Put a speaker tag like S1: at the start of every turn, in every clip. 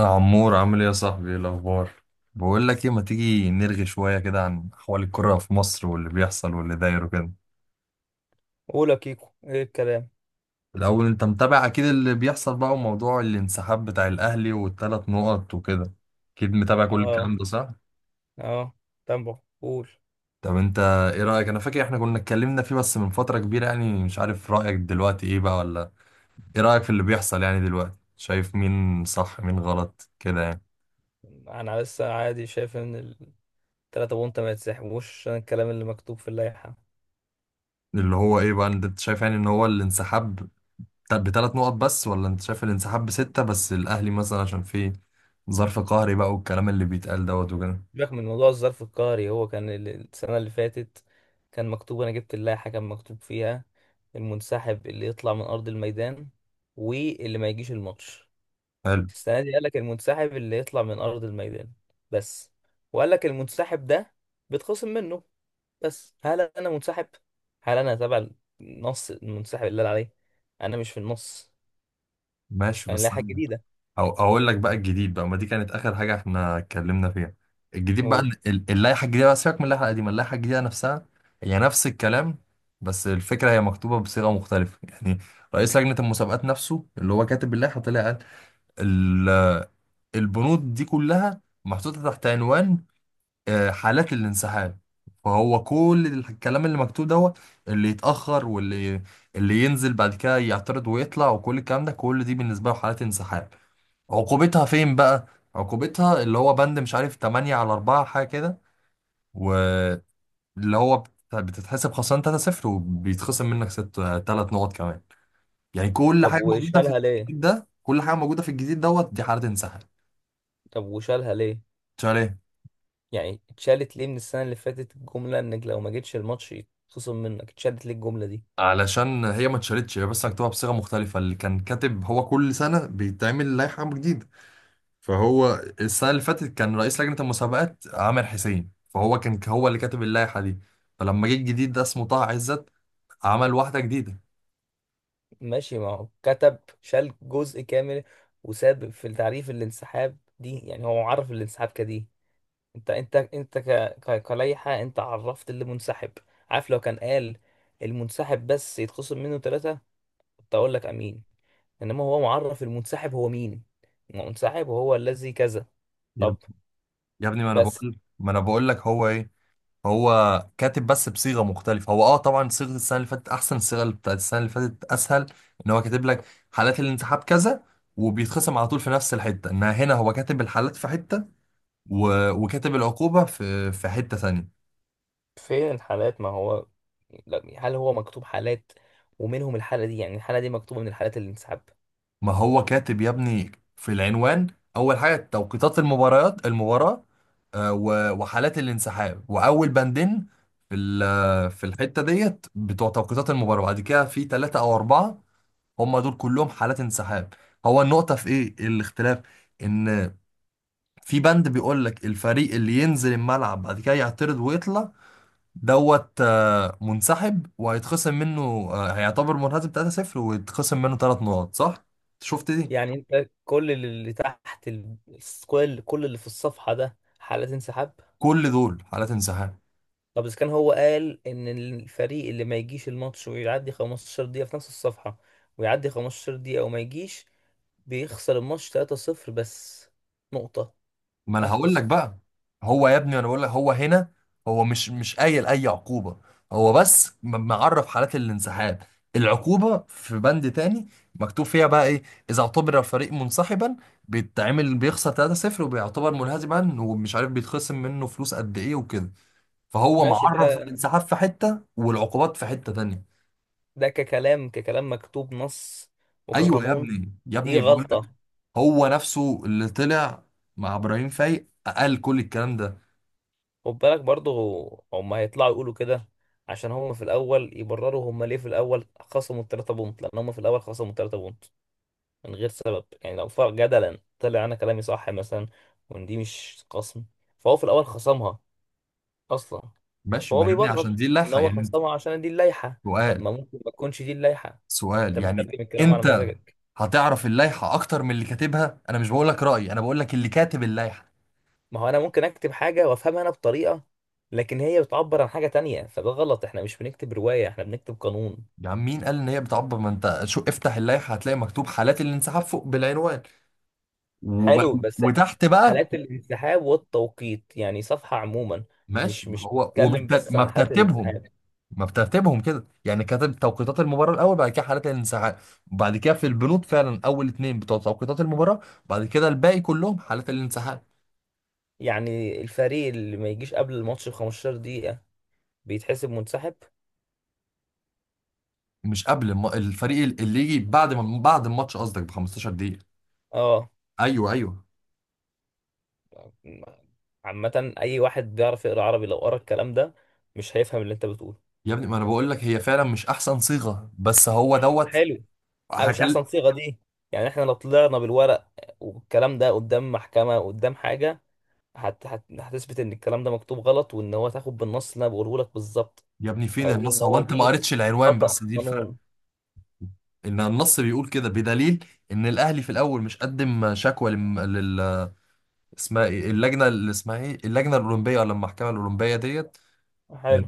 S1: يا عمور، عامل ايه يا صاحبي؟ ايه الاخبار؟ بقول لك ايه، ما تيجي نرغي شويه كده عن احوال الكره في مصر واللي بيحصل واللي داير وكده.
S2: قول يا كيكو، ايه الكلام؟
S1: الاول، انت متابع اكيد اللي بيحصل بقى وموضوع الانسحاب بتاع الاهلي والثلاث نقط وكده. اكيد متابع كل الكلام
S2: اه
S1: ده، صح؟
S2: اه. تمبو، قول.
S1: طب انت، ايه رايك؟ انا فاكر احنا كنا اتكلمنا فيه بس من فتره كبيره يعني، مش عارف رايك دلوقتي ايه بقى ولا. ايه رايك في اللي بيحصل يعني دلوقتي؟ شايف مين صح مين غلط كده يعني.
S2: انا لسه عادي شايف ان التلاتة بونت ما يتسحبوش عشان الكلام اللي مكتوب في اللائحة.
S1: اللي هو ايه بقى؟ انت شايف يعني ان هو الانسحاب طب بثلاث نقط بس، ولا انت شايف الانسحاب بستة، بس الاهلي مثلا عشان في ظرف قهري بقى والكلام اللي بيتقال دوت وكده.
S2: سيبك من موضوع الظرف القهري. هو كان السنة اللي فاتت كان مكتوب، انا جبت اللائحة كان مكتوب فيها المنسحب اللي يطلع من ارض الميدان واللي ما يجيش الماتش.
S1: حلو.
S2: السنة دي قالك المنسحب اللي يطلع من ارض الميدان بس، وقالك المنسحب ده بيتخصم منه، بس هل انا منسحب؟ هل انا تبع النص المنسحب اللي قال عليه؟ انا مش في النص.
S1: ماشي،
S2: مش
S1: بس
S2: هنلاقي حاجه
S1: أنا
S2: جديده.
S1: أو اقول لك بقى الجديد، بقى ما دي كانت اخر حاجة احنا اتكلمنا فيها. الجديد بقى
S2: نقول.
S1: اللائحة الجديدة، بقى سيبك من اللائحة القديمة، اللائحة الجديدة نفسها هي نفس الكلام. بس الفكرة هي مكتوبة بصيغة مختلفة يعني. رئيس لجنة المسابقات نفسه اللي هو كاتب اللائحة طلع قال ال- البنود دي كلها محطوطة تحت عنوان حالات الانسحاب. فهو كل الكلام اللي مكتوب دوت، اللي يتأخر واللي ينزل بعد كده يعترض ويطلع وكل الكلام ده، كل دي بالنسبة له حالات انسحاب. عقوبتها فين بقى؟ عقوبتها اللي هو بند مش عارف 8 على 4 حاجة كده، واللي هو بتتحسب خسران 3-0 وبيتخصم منك 6 3 نقط كمان. يعني كل
S2: طب
S1: حاجة موجودة في
S2: وشالها ليه
S1: الجديد ده، كل حاجة موجودة في الجديد دوت دي حالة انسحاب.
S2: طب وشالها ليه؟
S1: شايف؟
S2: يعني اتشالت ليه من السنه اللي فاتت الجمله انك لو ما جيتش الماتش يتخصم منك؟ اتشالت ليه الجمله دي؟
S1: علشان هي ما اتشالتش، هي بس مكتوبة بصيغة مختلفة. اللي كان كاتب، هو كل سنة بيتعمل لائحة جديدة. فهو السنة اللي فاتت كان رئيس لجنة المسابقات عامر حسين، فهو كان هو اللي كاتب اللائحة دي. فلما جه الجديد ده اسمه طه عزت، عمل واحدة جديدة.
S2: ماشي، ما هو كتب شال جزء كامل وساب في تعريف الانسحاب دي. يعني هو عرف الانسحاب كدي. انت كلائحه، انت عرفت اللي منسحب. عارف، لو كان قال المنسحب بس يتخصم منه ثلاثة، تقول لك امين، انما هو معرف المنسحب هو مين. المنسحب هو الذي كذا.
S1: يا
S2: طب.
S1: يا ابني، ما انا
S2: بس
S1: بقول ما انا بقول لك هو ايه. هو كاتب بس بصيغة مختلفة، هو طبعا صيغة السنة اللي فاتت احسن، الصيغة اللي بتاعت السنة اللي فاتت اسهل، ان هو كاتب لك حالات الانسحاب كذا وبيتخصم على طول في نفس الحتة، انها هنا هو كاتب الحالات في حتة، وكاتب العقوبة في حتة ثانية.
S2: فين الحالات؟ ما هو لا، هل هو مكتوب حالات ومنهم الحالة دي؟ يعني الحالة دي مكتوبة من الحالات اللي انسحب؟
S1: ما هو كاتب يا ابني في العنوان، أول حاجة توقيتات المباريات المباراة، وحالات الانسحاب، وأول بندين في الحتة ديت بتوع توقيتات المباراة، بعد كده في ثلاثة أو أربعة، هم دول كلهم حالات انسحاب. هو النقطة في إيه؟ الاختلاف إن في بند بيقول لك الفريق اللي ينزل الملعب بعد كده يعترض ويطلع دوت منسحب وهيتخصم منه، هيعتبر منهزم 3-0 ويتخصم منه 3 نقط، صح؟ شفت دي؟
S2: يعني انت كل اللي تحت كل اللي في الصفحة ده حالات انسحاب؟
S1: كل دول حالات انسحاب.
S2: طب اذا كان هو قال ان الفريق اللي ما يجيش الماتش ويعدي 15 دقيقة في نفس الصفحة، ويعدي 15 دقيقة وما يجيش بيخسر الماتش 3-0 بس، نقطة
S1: ما انا
S2: آخر.
S1: هقول لك بقى، هو يا ابني انا بقول لك هو هنا هو مش قايل اي عقوبة. هو بس معرف حالات الانسحاب، العقوبة في بند تاني مكتوب فيها بقى ايه. اذا اعتبر الفريق منسحبا، بيتعمل بيخسر 3-0 وبيعتبر منهزما، ومش عارف بيتخصم منه فلوس قد ايه وكده. فهو
S2: ماشي
S1: معرف
S2: ده
S1: الانسحاب في حتة، والعقوبات في حتة تانية.
S2: ده ككلام مكتوب نص
S1: ايوه يا
S2: وكقانون،
S1: ابني، يا
S2: دي
S1: ابني بقول لك
S2: غلطة.
S1: هو نفسه اللي طلع مع ابراهيم فايق قال كل الكلام ده.
S2: خد بالك برضه، هم هيطلعوا يقولوا كده، عشان هم في الأول يبرروا هم ليه في الأول خصموا التلاتة بونت. لأن هم في الأول خصموا التلاتة بونت من غير سبب. يعني لو فرق جدلا طلع أنا كلامي صح مثلا، وإن دي مش خصم، فهو في الأول خصمها أصلا.
S1: ماشي
S2: فهو
S1: ما يا ابني عشان
S2: بيبرر
S1: دي
S2: إن
S1: اللائحه
S2: هو
S1: يعني، انت
S2: خصمها عشان دي اللائحة. طب
S1: سؤال،
S2: ما ممكن ما تكونش دي اللائحة؟ أنت
S1: سؤال يعني،
S2: بتترجم الكلام على
S1: انت
S2: مزاجك.
S1: هتعرف اللائحه اكتر من اللي كاتبها؟ انا مش بقول لك رايي، انا بقول لك اللي كاتب اللائحه.
S2: ما هو انا ممكن اكتب حاجه وافهمها انا بطريقه، لكن هي بتعبر عن حاجه تانية، فده غلط. احنا مش بنكتب روايه، احنا بنكتب قانون.
S1: يا عم، مين قال ان هي بتعبر؟ ما انت شو افتح اللائحه هتلاقي مكتوب حالات الانسحاب فوق بالعنوان، وب...
S2: حلو، بس
S1: وتحت بقى
S2: حالات الانسحاب والتوقيت، يعني صفحه عموما.
S1: ماشي،
S2: مش
S1: ما
S2: مش
S1: هو
S2: بتتكلم بس
S1: ما
S2: عن حالات
S1: بترتيبهم.
S2: الانسحاب.
S1: ما بترتيبهم كده يعني، كاتب توقيتات المباراة الأول، بعد كده حالات الانسحاب، بعد كده في البنود فعلا أول اتنين بتوع توقيتات المباراة، بعد كده الباقي كلهم حالات الانسحاب.
S2: يعني الفريق اللي ما يجيش قبل الماتش ب 15 دقيقه بيتحسب منسحب.
S1: مش قبل الفريق اللي يجي بعد ما بعد الماتش قصدك ب 15 دقيقة.
S2: اه.
S1: أيوه، أيوه.
S2: عامه، اي واحد بيعرف يقرا عربي لو قرا الكلام ده مش هيفهم اللي انت بتقوله.
S1: يا ابني، ما أنا بقول لك هي فعلا مش أحسن صيغة، بس هو دوت
S2: حلو. آه، مش احسن
S1: هكل.
S2: صيغه دي. يعني احنا لو طلعنا بالورق والكلام ده قدام محكمه، قدام حاجه، هتثبت ان الكلام ده مكتوب غلط، وان هو تاخد بالنص اللي انا بقوله لك بالظبط.
S1: يا ابني، فين
S2: هيقول
S1: النص؟
S2: ان
S1: هو
S2: هو
S1: أنت ما
S2: دي
S1: قريتش العنوان بس،
S2: خطأ
S1: دي الفرق.
S2: قانون.
S1: إن النص بيقول كده بدليل إن الأهلي في الأول مش قدم شكوى اسمها ايه اللجنه، اللي اسمها ايه، اللجنه الاولمبيه ولا المحكمه الاولمبيه ديت؟ آه،
S2: حلو.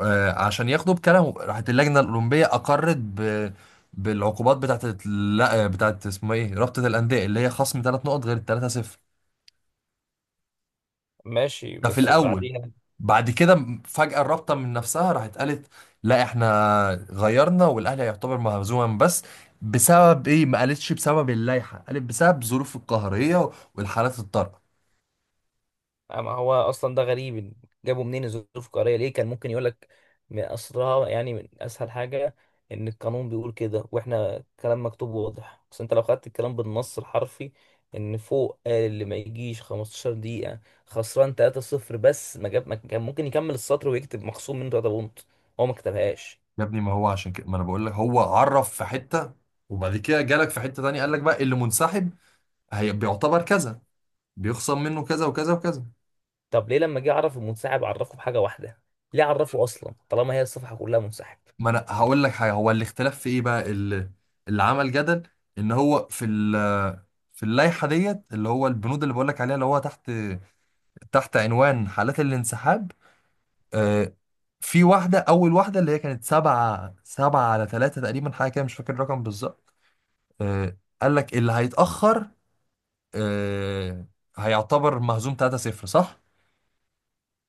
S1: عشان ياخدوا بكلامهم، راحت اللجنه الاولمبيه اقرت بالعقوبات بتاعت لا، بتاعت اسمه ايه، رابطه الانديه اللي هي خصم ثلاث نقط غير الثلاثه صفر.
S2: ماشي
S1: ده في
S2: بس
S1: الاول.
S2: بعدين.
S1: بعد كده فجاه الرابطه من نفسها راحت قالت لا احنا غيرنا، والاهلي هيعتبر مهزوما بس، بسبب ايه؟ ما قالتش بسبب اللائحه، قالت بسبب ظروف القهريه والحالات الطارئه.
S2: آه، ما هو اصلا ده غريب. جابوا منين الظروف القهريه؟ ليه كان ممكن يقول لك من اصلها، يعني من اسهل حاجه، ان القانون بيقول كده واحنا كلام مكتوب واضح. بس انت لو خدت الكلام بالنص الحرفي، ان فوق قال اللي ما يجيش 15 دقيقه خسران 3-0 بس، ما جاب، ما كان ممكن يكمل السطر ويكتب مخصوم منه 3 بونت. هو ما كتبهاش.
S1: يا ابني، ما هو عشان كده ما انا بقول لك هو عرف في حته، وبعد كده جالك في حته تانية قال لك بقى اللي منسحب هي بيعتبر كذا، بيخصم منه كذا وكذا وكذا.
S2: طب ليه لما جه يعرف المنسحب عرفه بحاجه واحده؟ ليه عرفه اصلا طالما هي الصفحه كلها منسحب؟
S1: ما انا هقول لك حاجه، هو الاختلاف في ايه بقى؟ اللي عمل جدل ان هو في اللائحه ديت، اللي هو البنود اللي بقول لك عليها اللي هو تحت، تحت عنوان حالات الانسحاب، آه، في واحده اول واحده اللي هي كانت سبعه على ثلاثه تقريبا حاجه كده، مش فاكر الرقم بالظبط. آه، قال لك اللي هيتاخر آه، هيعتبر مهزوم 3-0، صح؟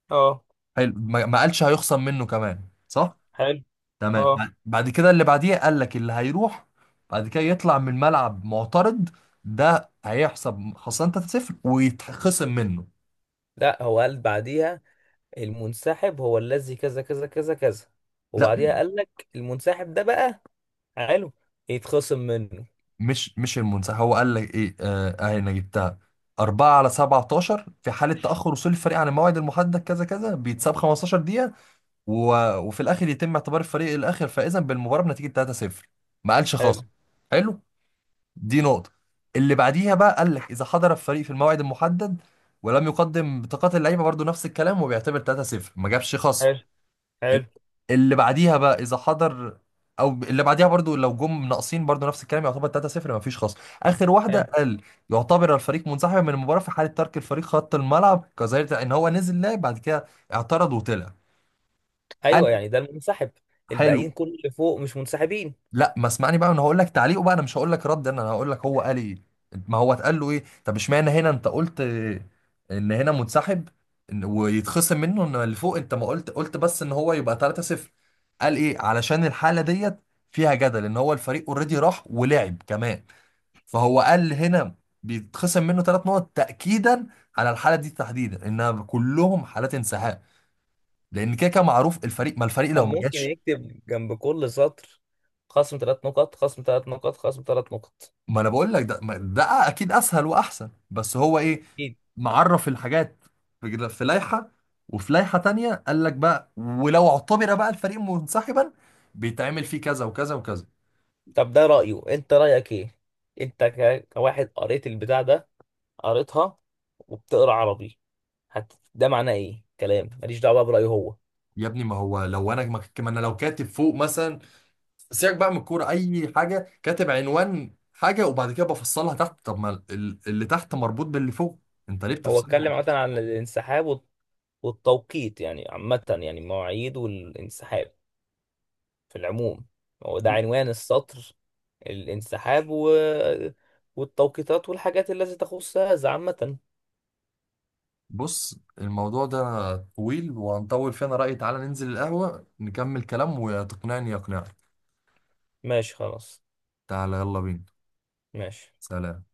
S2: اه.
S1: حلو، ما قالش هيخصم منه كمان، صح؟
S2: حلو.
S1: تمام،
S2: اه.
S1: بعد كده اللي بعديه قال لك اللي هيروح بعد كده يطلع من الملعب معترض، ده هيحسب خسران 3-0 ويتخصم منه.
S2: لا، هو قال بعديها المنسحب هو الذي كذا كذا كذا كذا،
S1: لا،
S2: وبعديها قال لك المنسحب ده بقى، حلو، يتخصم منه.
S1: مش المنسحب هو قال لك ايه، اهي انا جبتها. 4 على 17: في حالة تأخر وصول الفريق عن الموعد المحدد كذا كذا بيتساب 15 دقيقة، و... وفي الآخر يتم اعتبار الفريق الآخر فائزا بالمباراة بنتيجة 3-0، ما قالش
S2: حلو.
S1: خاص. حلو، دي نقطة. اللي بعديها بقى قال لك إذا حضر الفريق في الموعد المحدد ولم يقدم بطاقات اللعيبة، برضو نفس الكلام وبيعتبر 3-0، ما جابش خصم.
S2: حلو. حلو.
S1: اللي بعديها بقى إذا حضر، أو اللي بعديها برضو لو جم ناقصين، برضو نفس الكلام يعتبر 3-0، ما فيش خصم. آخر واحدة
S2: حلو.
S1: قال يعتبر الفريق منسحبا من المباراة في حالة ترك الفريق خط الملعب، كظاهرة إن هو نزل لعب بعد كده اعترض وطلع،
S2: ايوه،
S1: قال.
S2: يعني ده المنسحب. الباقيين
S1: حلو.
S2: كل اللي فوق مش منسحبين.
S1: لا، ما اسمعني بقى، انا هقول لك تعليقه بقى، انا مش هقول لك رد، انا هقول لك هو قال ايه. ما هو اتقال له ايه، طب اشمعنى هنا انت قلت ان هنا منسحب، ويتخصم منه، ان اللي فوق انت ما قلت، قلت بس ان هو يبقى 3-0. قال ايه؟ علشان الحالة ديت فيها جدل، ان هو الفريق اوريدي راح ولعب كمان، فهو قال هنا بيتخصم منه ثلاث نقط، تأكيدا على الحالة دي تحديدا انها كلهم حالات انسحاب، لان كده كده معروف الفريق لو
S2: أم
S1: ما
S2: ممكن
S1: جاش.
S2: يكتب جنب كل سطر خصم ثلاث نقط، خصم ثلاث نقط، خصم ثلاث نقط.
S1: ما انا بقول لك ده ده اكيد اسهل واحسن، بس هو ايه
S2: اكيد.
S1: معرف الحاجات في لائحه، وفي لائحه تانية قال لك بقى ولو اعتبر بقى الفريق منسحبا بيتعمل فيه كذا وكذا وكذا.
S2: طب ده رأيه، انت رأيك ايه؟ انت كواحد قريت البتاع ده، قريتها وبتقرا عربي، ده معناه ايه؟ كلام ماليش دعوة بقى برأيه هو.
S1: يا ابني، ما هو لو انا ما انا لو كاتب فوق مثلا، سيبك بقى من الكوره اي حاجه، كاتب عنوان حاجه وبعد كده بفصلها تحت، طب ما اللي تحت مربوط باللي فوق، انت ليه
S2: هو
S1: بتفصله؟
S2: اتكلم عامة عن الانسحاب والتوقيت، يعني عامة، يعني مواعيد والانسحاب في العموم. هو ده عنوان السطر، الانسحاب والتوقيتات والحاجات التي تخص هذا عامة.
S1: بص، الموضوع ده طويل وهنطول فيه، انا رأيي تعالى ننزل القهوة نكمل كلام، وتقنعني يقنعك.
S2: ماشي خلاص.
S1: تعالى، يلا بينا.
S2: ماشي.
S1: سلام.